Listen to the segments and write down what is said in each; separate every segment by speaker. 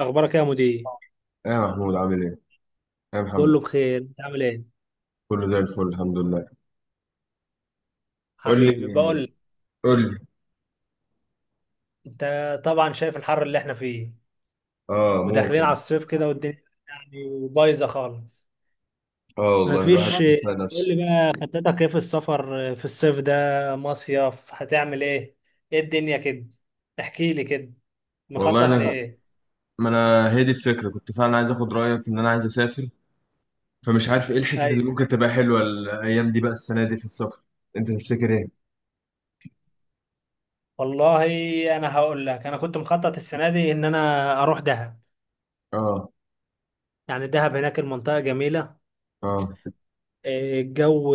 Speaker 1: اخبارك يا مدير؟
Speaker 2: ايه يا محمود، عامل ايه؟ ايه يا محمد؟
Speaker 1: كله بخير، انت عامل ايه؟
Speaker 2: كله زي الفل، الحمد لله. قول
Speaker 1: حبيبي بقول
Speaker 2: لي
Speaker 1: لك،
Speaker 2: قول لي.
Speaker 1: انت طبعا شايف الحر اللي احنا فيه
Speaker 2: اه،
Speaker 1: وداخلين على
Speaker 2: ممكن.
Speaker 1: الصيف كده، والدنيا يعني بايظه خالص.
Speaker 2: اه والله،
Speaker 1: مفيش،
Speaker 2: الواحد بيسمع
Speaker 1: تقول
Speaker 2: نفسه.
Speaker 1: لي بقى خطتك ايه في السفر في الصيف ده؟ مصيف هتعمل ايه؟ ايه الدنيا كده؟ احكي لي كده.
Speaker 2: والله
Speaker 1: مخطط
Speaker 2: انا،
Speaker 1: لايه؟
Speaker 2: ما انا هي دي الفكره، كنت فعلا عايز اخد رايك ان انا عايز اسافر، فمش عارف ايه الحتت اللي
Speaker 1: ايوه،
Speaker 2: ممكن تبقى حلوه الايام دي، بقى السنه دي في السفر. انت تفتكر ايه؟
Speaker 1: والله انا هقول لك، انا كنت مخطط السنه دي ان انا اروح دهب.
Speaker 2: اه.
Speaker 1: يعني دهب هناك المنطقه جميله،
Speaker 2: اه.
Speaker 1: الجو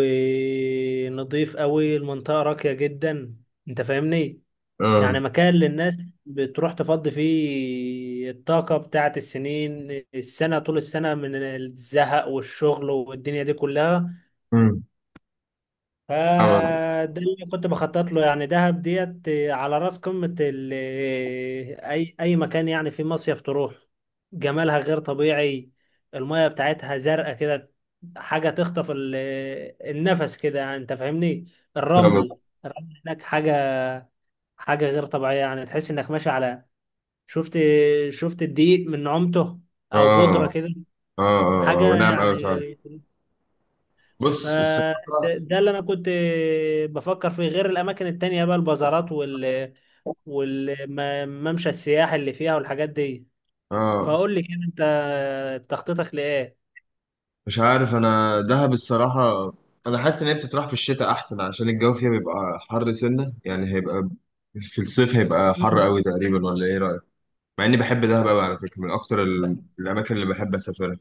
Speaker 1: نظيف قوي، المنطقة راقية جدا، انت فاهمني.
Speaker 2: اه.
Speaker 1: يعني مكان للناس بتروح تفضي فيه الطاقة بتاعت السنة، طول السنة، من الزهق والشغل والدنيا دي كلها.
Speaker 2: امم. فاهم قصدك،
Speaker 1: فده اللي كنت بخطط له، يعني دهب ديت على راس قمة أي مكان يعني في مصيف تروح. جمالها غير طبيعي، المية بتاعتها زرقاء كده، حاجة تخطف النفس كده، يعني أنت فاهمني.
Speaker 2: فاهم
Speaker 1: الرمل،
Speaker 2: قصدك.
Speaker 1: الرمل هناك حاجة غير طبيعية، يعني تحس إنك ماشي على. شفت شفت الدقيق من نعومته، أو
Speaker 2: اه.
Speaker 1: بودرة
Speaker 2: اه.
Speaker 1: كده،
Speaker 2: اه. اه،
Speaker 1: حاجة
Speaker 2: ونعم قوي
Speaker 1: يعني.
Speaker 2: فعلا. بص
Speaker 1: فده
Speaker 2: الصراحه،
Speaker 1: ده اللي انا كنت بفكر فيه، غير الاماكن التانية بقى، البازارات والممشى السياحي اللي فيها والحاجات دي.
Speaker 2: اه
Speaker 1: فاقول لي كده انت تخطيطك لايه؟
Speaker 2: مش عارف، انا دهب الصراحه، انا حاسس ان هي بتطرح في الشتاء احسن، عشان الجو فيها بيبقى حر سنه، يعني في الصيف هيبقى حر
Speaker 1: مم.
Speaker 2: قوي تقريبا، ولا ايه رايك؟ مع اني بحب دهب قوي على فكره، من اكتر
Speaker 1: ب-
Speaker 2: الاماكن اللي بحب اسافرها.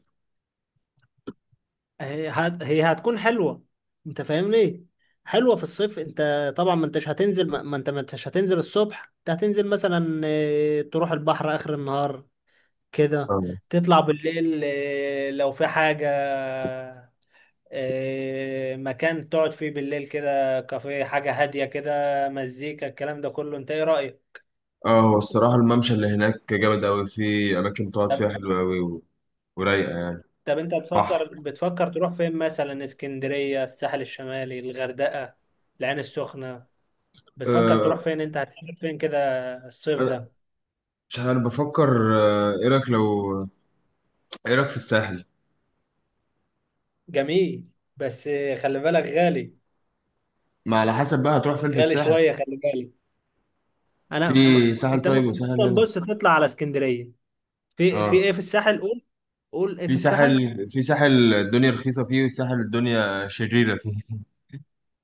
Speaker 1: هي هتكون حلوة، انت فاهمني، حلوة في الصيف. انت طبعا ما انتش هتنزل، ما انت ما انتش هتنزل الصبح، انت هتنزل مثلا، تروح البحر اخر النهار كده،
Speaker 2: اه.
Speaker 1: تطلع بالليل، لو في حاجة، مكان تقعد فيه بالليل، كده كافيه، حاجة هادية كده، مزيكا، الكلام ده كله، انت ايه رأيك؟
Speaker 2: اه، هو الصراحه الممشى اللي هناك جامد قوي، في اماكن تقعد
Speaker 1: طب،
Speaker 2: فيها حلوه قوي، ورايقه يعني.
Speaker 1: طب انت
Speaker 2: بحر.
Speaker 1: تفكر بتفكر تروح فين؟ مثلا اسكندرية، الساحل الشمالي، الغردقة، العين السخنة، بتفكر
Speaker 2: أه.
Speaker 1: تروح فين، انت هتسافر فين كده الصيف
Speaker 2: أنا
Speaker 1: ده؟
Speaker 2: مش عارف، بفكر. ايه رايك في الساحل؟
Speaker 1: جميل، بس خلي بالك غالي،
Speaker 2: ما على حسب بقى هتروح فين في
Speaker 1: غالي
Speaker 2: الساحل.
Speaker 1: شوية، خلي بالك. انا
Speaker 2: في
Speaker 1: م...
Speaker 2: ساحل
Speaker 1: انت
Speaker 2: طيب وساحل
Speaker 1: ممكن،
Speaker 2: هنا.
Speaker 1: بص، تطلع على اسكندرية. في ايه
Speaker 2: اه.
Speaker 1: في الساحل؟ قول، قول ايه في
Speaker 2: في
Speaker 1: الساحل.
Speaker 2: ساحل في ساحل الدنيا رخيصة فيه، وساحل الدنيا شريرة فيه،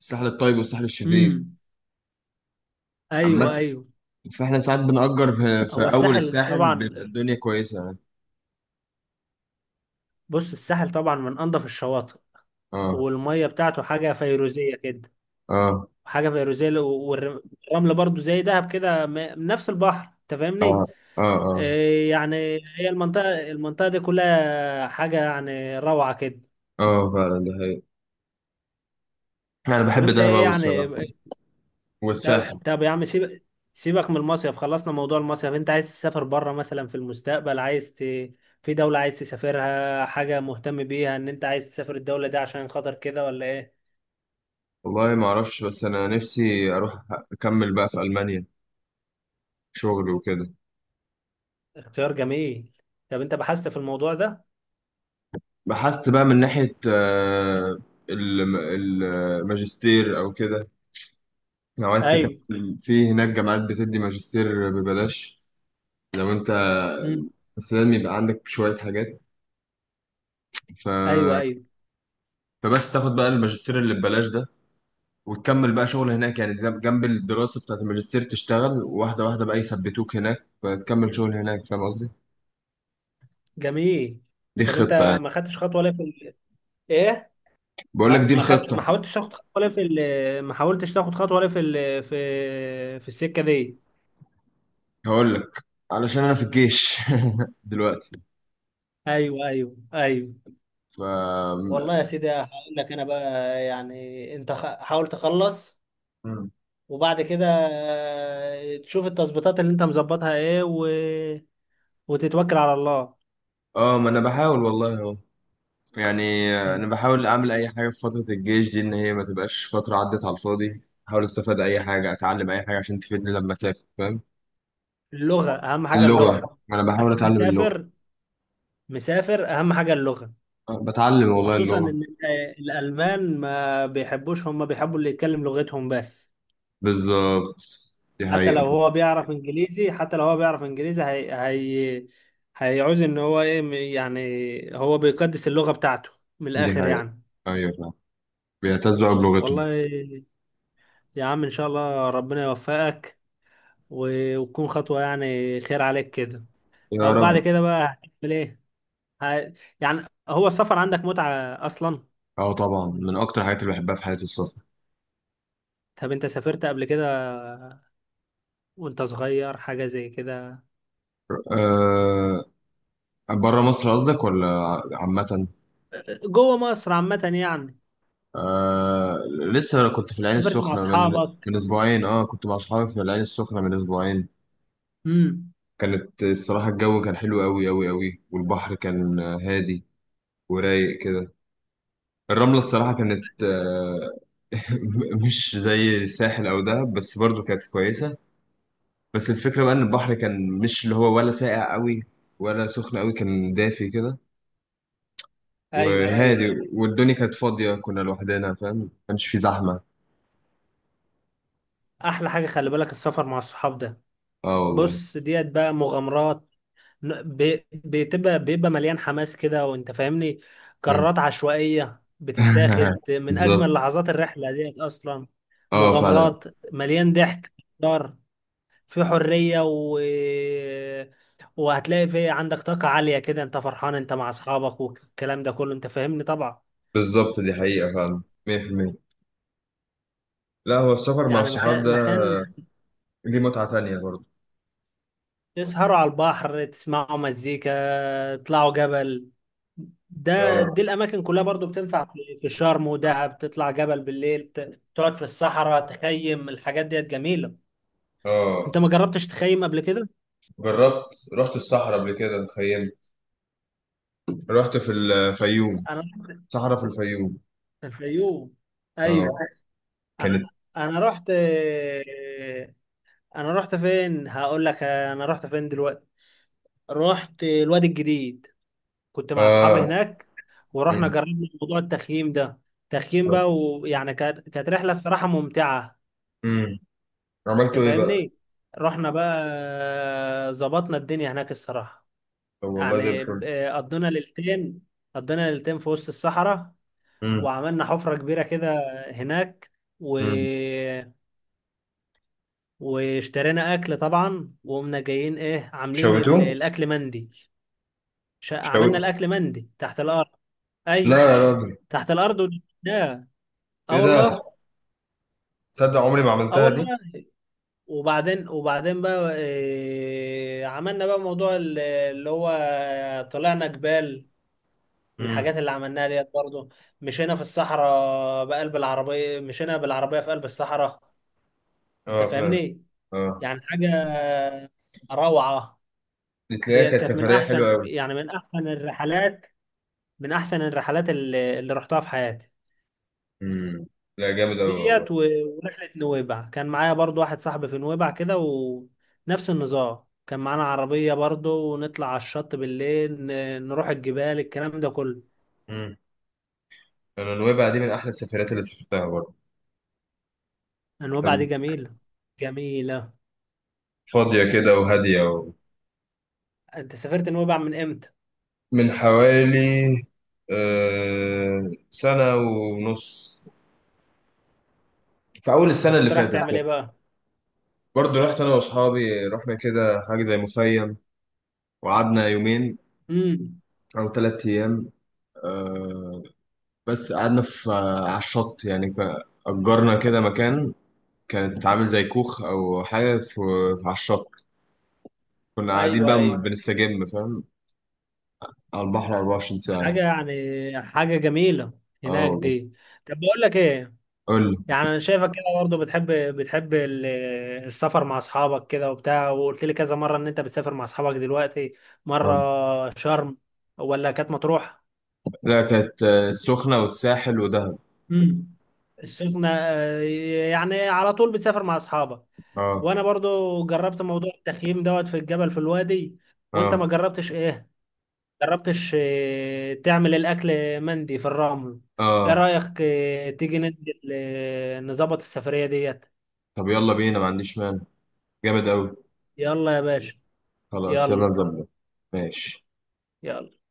Speaker 2: الساحل الطيب والساحل الشرير.
Speaker 1: امم. ايوه،
Speaker 2: عامة،
Speaker 1: ايوه.
Speaker 2: فاحنا ساعات بنأجر في
Speaker 1: هو
Speaker 2: أول
Speaker 1: الساحل
Speaker 2: الساحل، بيبقى
Speaker 1: طبعا،
Speaker 2: الدنيا كويسة يعني.
Speaker 1: بص الساحل طبعا من انظف الشواطئ،
Speaker 2: اه.
Speaker 1: والميه بتاعته حاجه فيروزيه كده،
Speaker 2: اه.
Speaker 1: حاجه فيروزيه، والرمل برضو زي دهب كده. نفس البحر، انت
Speaker 2: اه.
Speaker 1: فاهمني.
Speaker 2: اه. اه.
Speaker 1: يعني هي المنطقه دي كلها حاجه يعني روعه كده.
Speaker 2: اه فعلا، ده حقيقي. أنا
Speaker 1: طب
Speaker 2: بحب
Speaker 1: انت
Speaker 2: دهب
Speaker 1: ايه
Speaker 2: أوي
Speaker 1: يعني؟
Speaker 2: الصراحة، والساحل.
Speaker 1: طب يا عم، سيبك من المصيف، خلصنا موضوع المصيف. انت عايز تسافر بره مثلا في المستقبل، في دولة عايز تسافرها، حاجة مهتم بيها، ان انت عايز تسافر الدولة دي عشان خاطر كده ولا ايه؟
Speaker 2: والله ما أعرفش، بس أنا نفسي أروح أكمل بقى في ألمانيا، شغل وكده.
Speaker 1: اختيار جميل. طب انت بحثت في الموضوع ده؟
Speaker 2: بحس بقى من ناحية الماجستير أو كده، لو عايز
Speaker 1: ايوه.
Speaker 2: تكمل في هناك جامعات بتدي ماجستير ببلاش. لو انت،
Speaker 1: امم.
Speaker 2: بس لازم يبقى عندك شوية حاجات. ف...
Speaker 1: ايوه، ايوه.
Speaker 2: فبس تاخد بقى الماجستير اللي ببلاش ده، وتكمل بقى شغل هناك يعني، ده جنب الدراسة بتاعت الماجستير تشتغل، واحدة واحدة بقى، يثبتوك هناك، فتكمل شغل هناك. فاهم قصدي؟
Speaker 1: جميل.
Speaker 2: دي
Speaker 1: طب انت
Speaker 2: خطة يعني.
Speaker 1: ما خدتش خطوه ولا في ال...؟ ايه،
Speaker 2: بقول لك دي الخطة.
Speaker 1: ما حاولتش تاخد خطوه ولا في ال...؟ ما حاولتش تاخد خطوه ولا في ال... في السكه دي؟
Speaker 2: هقول لك، علشان أنا في الجيش دلوقتي.
Speaker 1: ايوه، ايوه، ايوه.
Speaker 2: ف
Speaker 1: والله يا سيدي هقول لك انا بقى، يعني انت، حاول تخلص، وبعد كده تشوف التظبيطات اللي انت مظبطها ايه، وتتوكل على الله.
Speaker 2: اه ما انا بحاول والله اهو يعني.
Speaker 1: أمم.
Speaker 2: انا بحاول اعمل اي حاجه في فتره الجيش دي، ان هي ما تبقاش فتره عدت على الفاضي، احاول استفاد اي حاجه، اتعلم اي حاجه، عشان تفيدني لما اسافر. فاهم،
Speaker 1: اللغه اهم حاجه،
Speaker 2: اللغه،
Speaker 1: اللغه.
Speaker 2: انا بحاول اتعلم اللغه.
Speaker 1: هتسافر، مسافر، اهم حاجه اللغه.
Speaker 2: أه، بتعلم والله
Speaker 1: وخصوصا ان
Speaker 2: اللغه.
Speaker 1: الالمان ما بيحبوش، هم بيحبوا اللي يتكلم لغتهم بس.
Speaker 2: بالظبط، دي حقيقه.
Speaker 1: حتى لو هو بيعرف انجليزي، هي هيعوز ان هو ايه، يعني هو بيقدس اللغه بتاعته، من
Speaker 2: دي
Speaker 1: الاخر
Speaker 2: حقيقه.
Speaker 1: يعني.
Speaker 2: ايوه، فاهم. بيعتزوا بلغتهم.
Speaker 1: والله يا عم، ان شاء الله ربنا يوفقك، وتكون خطوه يعني خير عليك كده.
Speaker 2: يا
Speaker 1: طب بعد
Speaker 2: رب.
Speaker 1: كده بقى هتعمل ايه؟ ه- يعني هو السفر عندك متعه اصلا؟
Speaker 2: اه طبعا، من اكتر الحاجات اللي بحبها في حياتي السفر.
Speaker 1: طب انت سافرت قبل كده وانت صغير، حاجة زي كده؟
Speaker 2: أه، بره مصر قصدك ولا عامه؟
Speaker 1: جوه مصر عامة يعني.
Speaker 2: آه. لسه انا كنت في العين
Speaker 1: سافرت مع
Speaker 2: السخنة من
Speaker 1: اصحابك؟
Speaker 2: من أسبوعين. أه، كنت مع صحابي في العين السخنة من أسبوعين.
Speaker 1: امم.
Speaker 2: كانت الصراحة الجو كان حلو أوي أوي أوي، والبحر كان هادي ورايق كده. الرملة الصراحة كانت مش زي الساحل أو دهب، بس برضو كانت كويسة. بس الفكرة بقى إن البحر كان مش اللي هو، ولا ساقع أوي ولا سخن أوي، كان دافي كده. ايوه،
Speaker 1: ايوه، ايوه.
Speaker 2: وهادي، والدنيا كانت فاضية، كنا لوحدنا، فاهم، ما كانش في زحمة.
Speaker 1: احلى حاجة، خلي بالك، السفر مع الصحاب ده.
Speaker 2: أه والله.
Speaker 1: بص ديت بقى مغامرات، ن- بي- بتبقى بيبقى مليان حماس كده، وانت فاهمني.
Speaker 2: مم.
Speaker 1: قرارات عشوائية بتتاخد، من اجمل
Speaker 2: بالظبط.
Speaker 1: لحظات الرحلة ديت اصلا.
Speaker 2: اه فعلا.
Speaker 1: مغامرات، مليان ضحك، دار، في حرية، وهتلاقي في عندك طاقة عالية كده، انت فرحان، انت مع اصحابك، والكلام ده كله، انت فاهمني طبعا.
Speaker 2: بالظبط، دي حقيقة فعلا 100%. لا، هو السفر مع
Speaker 1: يعني
Speaker 2: الصحاب
Speaker 1: مكان
Speaker 2: ده
Speaker 1: مكان،
Speaker 2: ليه متعة تانية برضه.
Speaker 1: تسهروا على البحر، تسمعوا مزيكا، تطلعوا جبل. ده
Speaker 2: اه.
Speaker 1: دي الأماكن كلها برضو بتنفع في شرم ودهب، تطلع جبل بالليل، تقعد في الصحراء، تخيم، الحاجات ديت جميلة.
Speaker 2: اه.
Speaker 1: أنت ما جربتش تخيم قبل كده؟
Speaker 2: جربت. رحت الصحراء قبل كده تخيل. رحت في الفيوم،
Speaker 1: أنا رحت
Speaker 2: صحراء في الفيوم.
Speaker 1: الفيوم،
Speaker 2: اه،
Speaker 1: أيوه. أنا
Speaker 2: كانت.
Speaker 1: أنا رحت أنا رحت فين؟ هقول لك أنا رحت فين دلوقتي. رحت الوادي الجديد، كنت مع اصحابي
Speaker 2: اه.
Speaker 1: هناك، ورحنا
Speaker 2: مم.
Speaker 1: جربنا موضوع التخييم ده، تخييم بقى، ويعني كانت رحله الصراحه ممتعه.
Speaker 2: مم. عملتوا
Speaker 1: انت
Speaker 2: ايه بقى؟
Speaker 1: فاهمني، رحنا بقى ظبطنا الدنيا هناك الصراحه.
Speaker 2: طب والله زي
Speaker 1: يعني
Speaker 2: الفل.
Speaker 1: قضينا ليلتين في وسط الصحراء،
Speaker 2: مم.
Speaker 1: وعملنا حفره كبيره كده هناك، و...
Speaker 2: مم.
Speaker 1: واشترينا اكل طبعا، وقمنا جايين ايه، عاملين
Speaker 2: شويتوه؟
Speaker 1: الاكل مندي.
Speaker 2: شوي
Speaker 1: عملنا الاكل مندي تحت الارض.
Speaker 2: لا
Speaker 1: ايوه،
Speaker 2: يا راجل.
Speaker 1: تحت الارض ونشوي. اه
Speaker 2: ايه
Speaker 1: والله.
Speaker 2: ده؟ تصدق عمري ما
Speaker 1: اه
Speaker 2: عملتها
Speaker 1: والله.
Speaker 2: دي؟
Speaker 1: وبعدين بقى إيه، عملنا بقى موضوع اللي هو، طلعنا جبال،
Speaker 2: مم.
Speaker 1: والحاجات اللي عملناها ديت برضه. مشينا بالعربية في قلب الصحراء، انت
Speaker 2: اه فعلا.
Speaker 1: فاهمني.
Speaker 2: اه،
Speaker 1: يعني حاجة روعة.
Speaker 2: دي تلاقيها
Speaker 1: ديت
Speaker 2: كانت
Speaker 1: كانت من
Speaker 2: سفرية حلوة
Speaker 1: احسن،
Speaker 2: أوي.
Speaker 1: يعني من احسن الرحلات اللي رحتها في حياتي.
Speaker 2: مم. لا، جامد أوي
Speaker 1: ديت،
Speaker 2: والله.
Speaker 1: ورحلة نويبع، كان معايا برضو واحد صاحبي في نويبع كده، ونفس النظام، كان معانا عربية برضو، ونطلع على الشط بالليل، نروح الجبال، الكلام ده كله.
Speaker 2: مم. انا نويبع دي من احلى السفرات اللي سافرتها برضه.
Speaker 1: نويبع دي
Speaker 2: كانت
Speaker 1: جميلة، جميلة.
Speaker 2: فاضيه كده وهاديه
Speaker 1: انت سافرت نويبع من امتى؟
Speaker 2: من حوالي سنه ونص، في اول
Speaker 1: انت
Speaker 2: السنه اللي
Speaker 1: كنت رايح
Speaker 2: فاتت
Speaker 1: تعمل
Speaker 2: كده.
Speaker 1: ايه بقى؟
Speaker 2: برضه رحت انا واصحابي، رحنا كده حاجه زي مخيم، وقعدنا يومين
Speaker 1: امم.
Speaker 2: او 3 ايام. آه، بس قعدنا في، على الشط يعني، اجرنا كده مكان، كانت عامل زي كوخ او حاجه في، على الشط، كنا قاعدين
Speaker 1: ايوه،
Speaker 2: بقى
Speaker 1: ايوه.
Speaker 2: بنستجم. فاهم، على البحر 24 ساعه.
Speaker 1: حاجة يعني، حاجة جميلة
Speaker 2: اه
Speaker 1: هناك
Speaker 2: والله.
Speaker 1: دي. طب بقول لك ايه،
Speaker 2: قول.
Speaker 1: يعني انا شايفك كده برضه بتحب، السفر مع اصحابك كده وبتاع، وقلت لي كذا مره ان انت بتسافر مع اصحابك دلوقتي،
Speaker 2: اه.
Speaker 1: مره شرم ولا كانت مطروح.
Speaker 2: لا، كانت السخنة والساحل ودهب.
Speaker 1: امم. السخنه، يعني على طول بتسافر مع اصحابك.
Speaker 2: اه.
Speaker 1: وانا برضه جربت موضوع التخييم دوت في الجبل في الوادي، وانت
Speaker 2: اه.
Speaker 1: ما جربتش ايه، جربتش تعمل الاكل مندي في الرمل. ايه
Speaker 2: اه.
Speaker 1: رايك تيجي ننزل، نظبط السفريه ديت؟
Speaker 2: طب يلا بينا، ما عنديش مانع، جامد أوي.
Speaker 1: يلا يا باشا.
Speaker 2: خلاص، يلا
Speaker 1: يلا،
Speaker 2: نظبط. ماشي
Speaker 1: يلا.